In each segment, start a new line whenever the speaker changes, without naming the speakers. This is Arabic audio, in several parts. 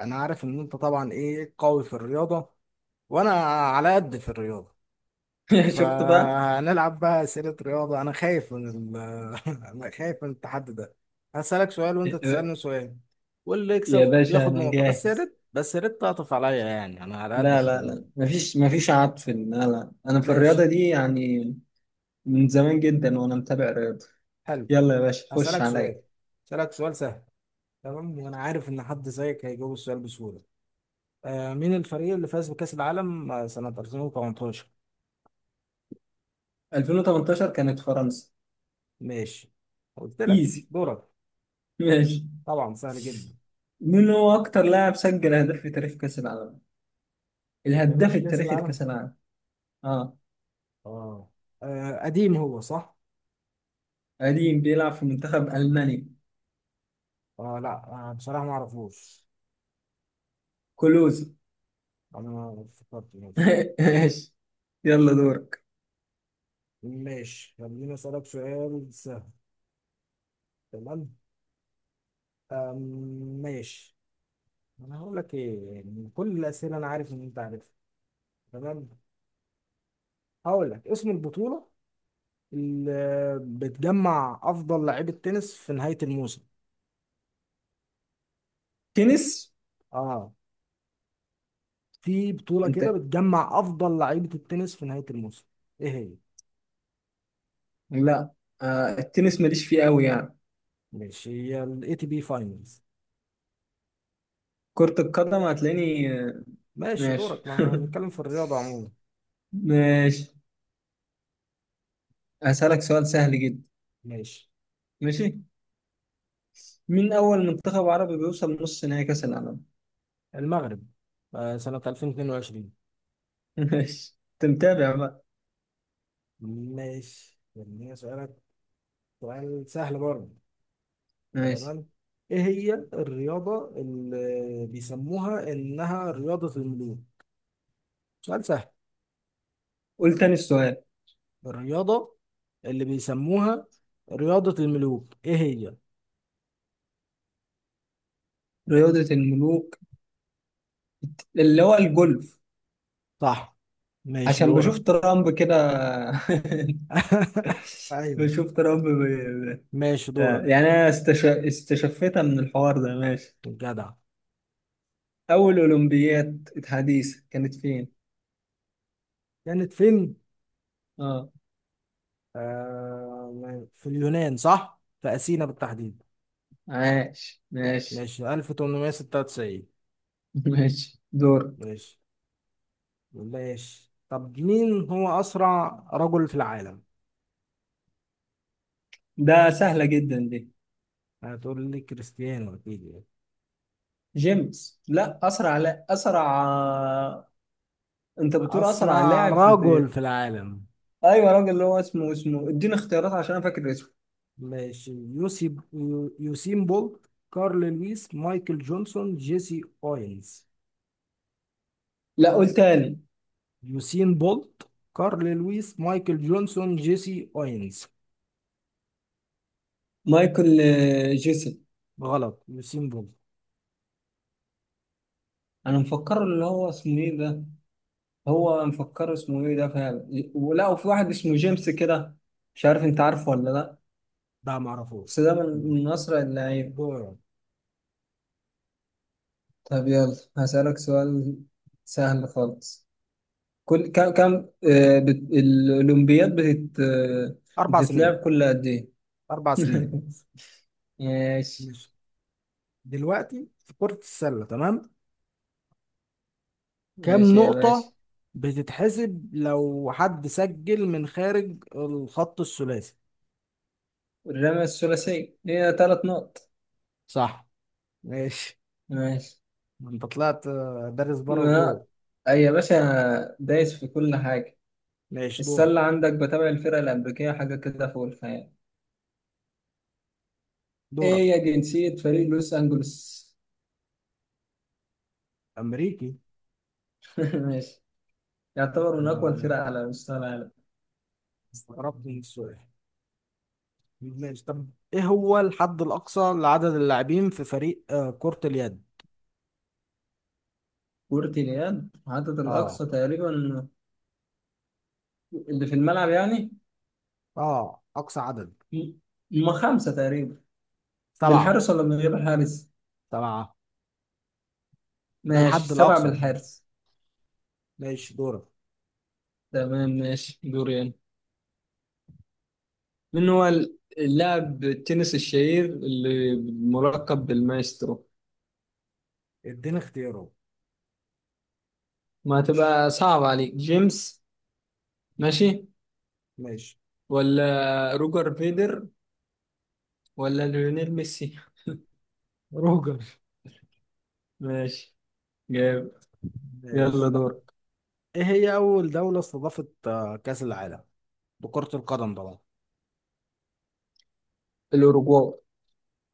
انا عارف ان انت طبعا ايه قوي في الرياضة وانا على قد في الرياضة.
شفت بقى.
فهنلعب بقى اسئلة رياضة. انا خايف من ال... انا خايف من التحدي ده. هسألك سؤال وانت تسألني سؤال واللي يكسب
يا باشا
ياخد
انا
نقطة،
جاهز.
بس يا ريت تعطف عليا، يعني انا على قد
لا
في
لا لا،
الرياضة.
مفيش عطف، لا لا، انا في الرياضه
ماشي.
دي يعني من زمان جدا وانا متابع رياضه.
حلو.
يلا يا باشا خش
هسألك
عليا.
سؤال هسألك سؤال سهل. تمام، وانا عارف ان حد زيك هيجاوب السؤال بسهولة. مين الفريق اللي فاز بكأس العالم سنة 2018؟
2018 كانت فرنسا.
ماشي، قلت لك
ايزي.
دورك.
ماشي.
طبعا سهل جدا.
مين هو اكتر لاعب سجل اهداف في تاريخ كاس العالم؟
في
الهداف
تاريخ كأس
التاريخي
العالم.
لكاس العالم. اه،
اه. قديم هو صح؟
قديم بيلعب في منتخب المانيا.
اه لا، بصراحة ما اعرفوش.
كلوزي.
انا ما فكرت. ماشي.
ماشي، يلا دورك.
ماشي، خليني اسألك سؤال سهل. تمام. آم، ماشي. انا هقول لك ايه، يعني كل الأسئلة انا عارف ان انت عارفها. تمام. هقول لك اسم البطولة اللي بتجمع افضل لعيبة تنس في نهاية الموسم.
تنس؟
اه، في بطولة
انت؟
كده بتجمع افضل لعيبة التنس في نهاية الموسم. ايه هي؟
لا، التنس ماليش فيه قوي يعني.
ماشي، هي الاي تي بي فاينلز.
كرة القدم هتلاقيني.
ماشي
ماشي.
دورك. ما احنا هنتكلم في الرياضة عموما.
ماشي. هسألك سؤال سهل جدا.
ماشي.
ماشي. مين أول منتخب عربي بيوصل نص نهائي كأس العالم؟
المغرب، سنة 2022.
ماشي. أنت متابع بقى.
ماشي، يعني هي سؤالك، سؤال سهل برضه.
ماشي،
تمام. ايه هي الرياضة اللي بيسموها انها رياضة الملوك؟ سؤال سهل.
قول تاني السؤال.
الرياضة اللي بيسموها رياضة الملوك ايه هي؟
رياضة الملوك اللي هو الجولف.
صح. ماشي
عشان بشوف
دورك.
ترامب كده.
ايوه.
بشوف ترامب.
ماشي دورك.
يعني أنا استشفيتها من الحوار ده. ماشي.
جدع.
أول أولمبياد حديثة كانت فين؟
كانت فين؟
اه.
آه في اليونان صح؟ في أثينا بالتحديد.
عاش، ماشي.
ماشي، 1896.
ماشي، دورك.
ماشي. ماشي طب مين هو أسرع رجل في العالم؟
ده سهلة جدا دي.
هتقول لي كريستيانو أكيد يعني.
جيمس، لا أسرع، لا أسرع. أنت بتقول أسرع
أسرع
لاعب في
رجل
في-
في العالم.
أيوة، راجل اللي هو اسمه اديني اختيارات عشان أنا فاكر اسمه.
ماشي، يوسين بولت، كارل لويس، مايكل جونسون، جيسي أوينز.
لا، قول تاني.
يوسين بولت، كارل لويس، مايكل جونسون، جيسي أوينز.
مايكل، جيسن.
غلط، يوسين بولت.
أنا مفكره اللي هو اسمه إيه ده. هو مفكره اسمه إيه ده فعلا، ولا وفي واحد اسمه جيمس كده. مش عارف أنت عارفه ولا لا.
ده
بس
معرفوش.
ده من أسرع اللعيبة.
دورك.
طب يلا هسألك سؤال سهل خالص. كل كم الأولمبياد
أربع
بتتلعب
سنين
كل قد إيه؟
أربع سنين
ماشي.
ماشي. دلوقتي في كرة السلة، تمام. كام
ماشي يا باشا.
نقطة بتتحسب لو حد سجل من خارج الخط الثلاثي؟
الرمى الثلاثي هي 3 نقط.
صح. ماشي.
ماشي.
ما أنت طلعت دارس بره
ما...
وجوه.
أي يا باشا دايس في كل حاجة.
ماشي دورك.
السلة عندك، بتابع الفرقة الأمريكية حاجة كده فوق الخيال.
دورك.
إيه يا جنسية فريق لوس أنجلوس؟
أمريكي.
ماشي. يعتبر من
أنا
أقوى
أنا
الفرق على مستوى العالم.
استغربت من السؤال. ماشي طب إيه هو الحد الأقصى لعدد اللاعبين في فريق كرة اليد؟
كرة اليد عدد
آه.
الأقصى تقريبا، اللي في الملعب يعني،
آه أقصى عدد.
ما خمسة تقريبا.
7.
بالحارس ولا من غير الحارس؟
7 ده
ماشي،
الحد
7
الأقصى.
بالحارس.
ماشي دورك.
تمام، ماشي دوري أنا. من هو اللاعب التنس الشهير اللي ملقب بالمايسترو؟
اديني اختيارات.
ما تبقى صعب عليك جيمس. ماشي،
ماشي،
ولا روجر فيدر، ولا ليونيل ميسي.
روجر.
ماشي جاب.
ماشي
يلا
طب
دور.
ايه هي اول دولة استضافت كأس العالم لكرة القدم طبعا؟
الأوروغواي.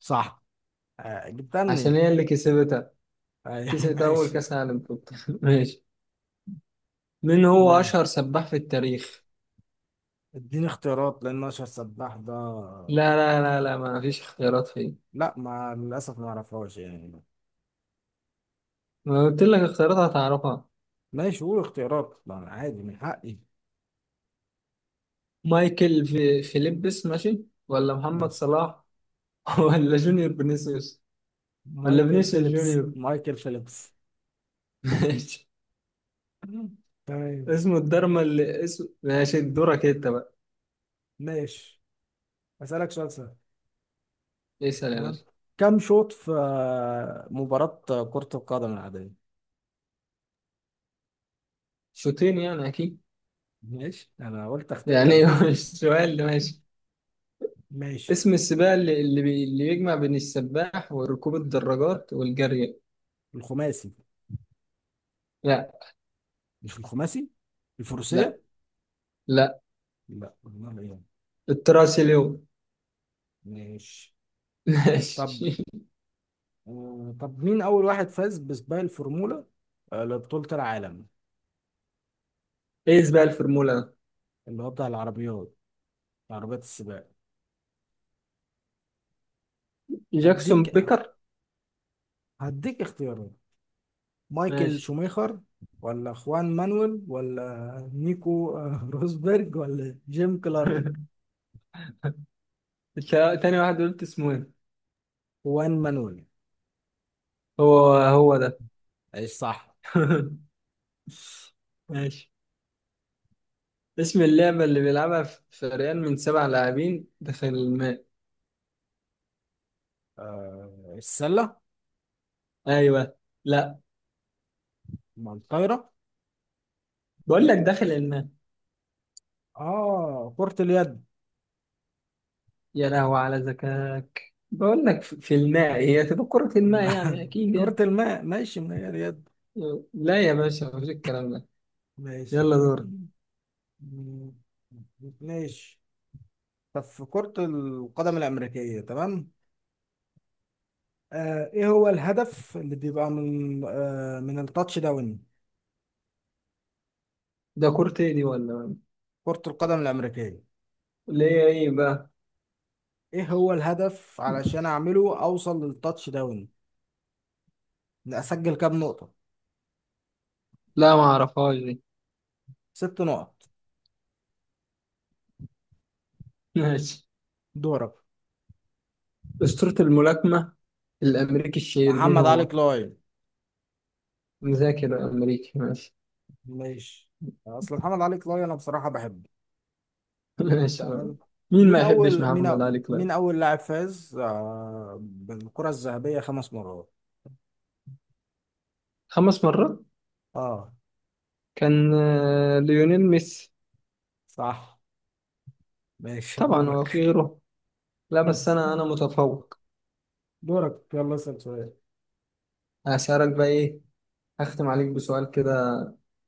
صح. جبتها
عشان
منين؟
هي اللي كسبتها.
أيوة،
كسبت أول
ماشي.
كأس عالم في. ماشي. من هو
ماشي،
أشهر سباح في التاريخ؟
اديني اختيارات لان اشهر سباح ده.
لا لا لا لا، ما فيش اختيارات فيه.
لا، ما للاسف ما اعرفهاش يعني.
ما قلت لك اختيارات هتعرفها.
ماشي قول اختيارات، لا، عادي، من حقي.
مايكل في فيليبس، ماشي، ولا محمد
ماشي.
صلاح، ولا جونيور فينيسيوس، ولا
مايكل
فينيسيوس
فيليبس،
جونيور.
مايكل فيليبس.
ماشي.
تمام.
اسمه الدرما اللي اسمه. ماشي دورك انت بقى.
ماشي. اسالك سؤال سهل.
اسأل يا
تمام.
باشا.
كم شوط في مباراة كرة القدم العادية؟
شوطين يعني اكيد
ماشي، انا قلت اختبرك
يعني. هو
بس.
السؤال ده. ماشي.
ماشي.
اسم السباق اللي، اللي يجمع بين السباح وركوب الدراجات والجري.
الخماسي.
لا،
مش الخماسي،
لا،
الفروسية.
لا.
لا والله يعني.
التراسي اليوم.
ماشي طب
ماشي.
مين اول واحد فاز بسباق الفورمولا لبطولة العالم؟
ايه سباق الفورمولا ده؟
اللي هو بتاع العربيات، عربيات السباق.
جاكسون
هديك
بيكر.
هديك اختيارات. مايكل
ماشي.
شوميخر، ولا خوان مانويل، ولا نيكو روزبرج، ولا جيم كلارك.
تاني واحد قلت اسمه ايه؟
خوان مانويل.
هو هو ده.
ايش صح.
ماشي. اسم اللعبة اللي بيلعبها فريقين من 7 لاعبين داخل الماء.
آه السلة.
ايوه. لا،
مع الطايرة.
بقول لك داخل الماء.
اه كرة اليد.
يا لهوي على ذكاك، بقول لك في الماء هي تبقى كرة الماء،
مع-
يعني اكيد
كرة
يعني.
الماء. ماشي من هي اليد.
لا يا باشا، مفيش الكلام ده.
ماشي.
يلا دور.
ماشي طب في كرة القدم الأمريكية، تمام. آه ايه هو الهدف اللي بيبقى من التاتش داون؟
ده كرة ايه دي ولا؟
كرة القدم الأمريكية.
اللي هي ايه بقى؟
ايه هو الهدف علشان اعمله اوصل للتاتش داون؟ إن اسجل كام نقطة؟
لا، ما اعرفهاش دي.
6 نقط.
ماشي.
دورك.
أسطورة الملاكمة الأمريكي الشهير مين
محمد علي
هو؟
كلاي.
مذاكر أمريكي. ماشي.
ماشي، اصل محمد علي كلاي انا بصراحه بحبه.
ماشي.
تمام.
مين
مين
ما يحبش
اول مين
محمد
أو-
علي كلاي؟
مين اول لاعب فاز بالكره الذهبيه 5 مرات؟
5 مرات؟
اه.
كان ليونيل ميسي.
صح. ماشي
طبعا هو في
دورك.
غيره. لا بس أنا متفوق.
دورك يلا اسال سؤال.
هسألك بقى إيه. هختم عليك بسؤال كده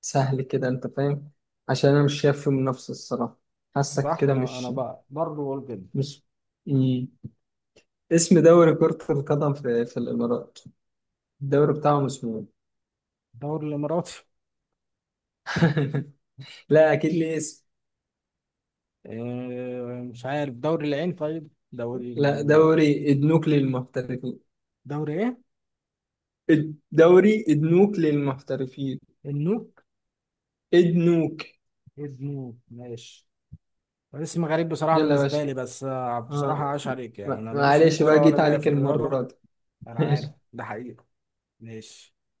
سهل كده أنت فاهم، عشان أنا مش شايف فيه منافسة الصراحة. حاسك
صح،
كده
انا
مش
بقى برضه بقول كده.
مش مم. اسم دوري كرة القدم في الإمارات، الدوري بتاعهم اسمه
الدوري الاماراتي.
إيه؟ لا أكيد ليه اسم.
مش عارف، دوري العين؟ طيب
لا، دوري النوكلي للمحترفين.
دوري ايه؟
الدوري ادنوك للمحترفين.
النوك.
ادنوك.
النوك ماشي. اسم غريب بصراحة
يلا يا
بالنسبة
باشا.
لي، بس بصراحة
اه.
عاش عليك. يعني
ما-
أنا ماليش في
معلش بقى
الكورة ولا
جيت
ليا
عليك
في
المرة
الرياضة.
دي.
انا عارف ده حقيقي. ماشي.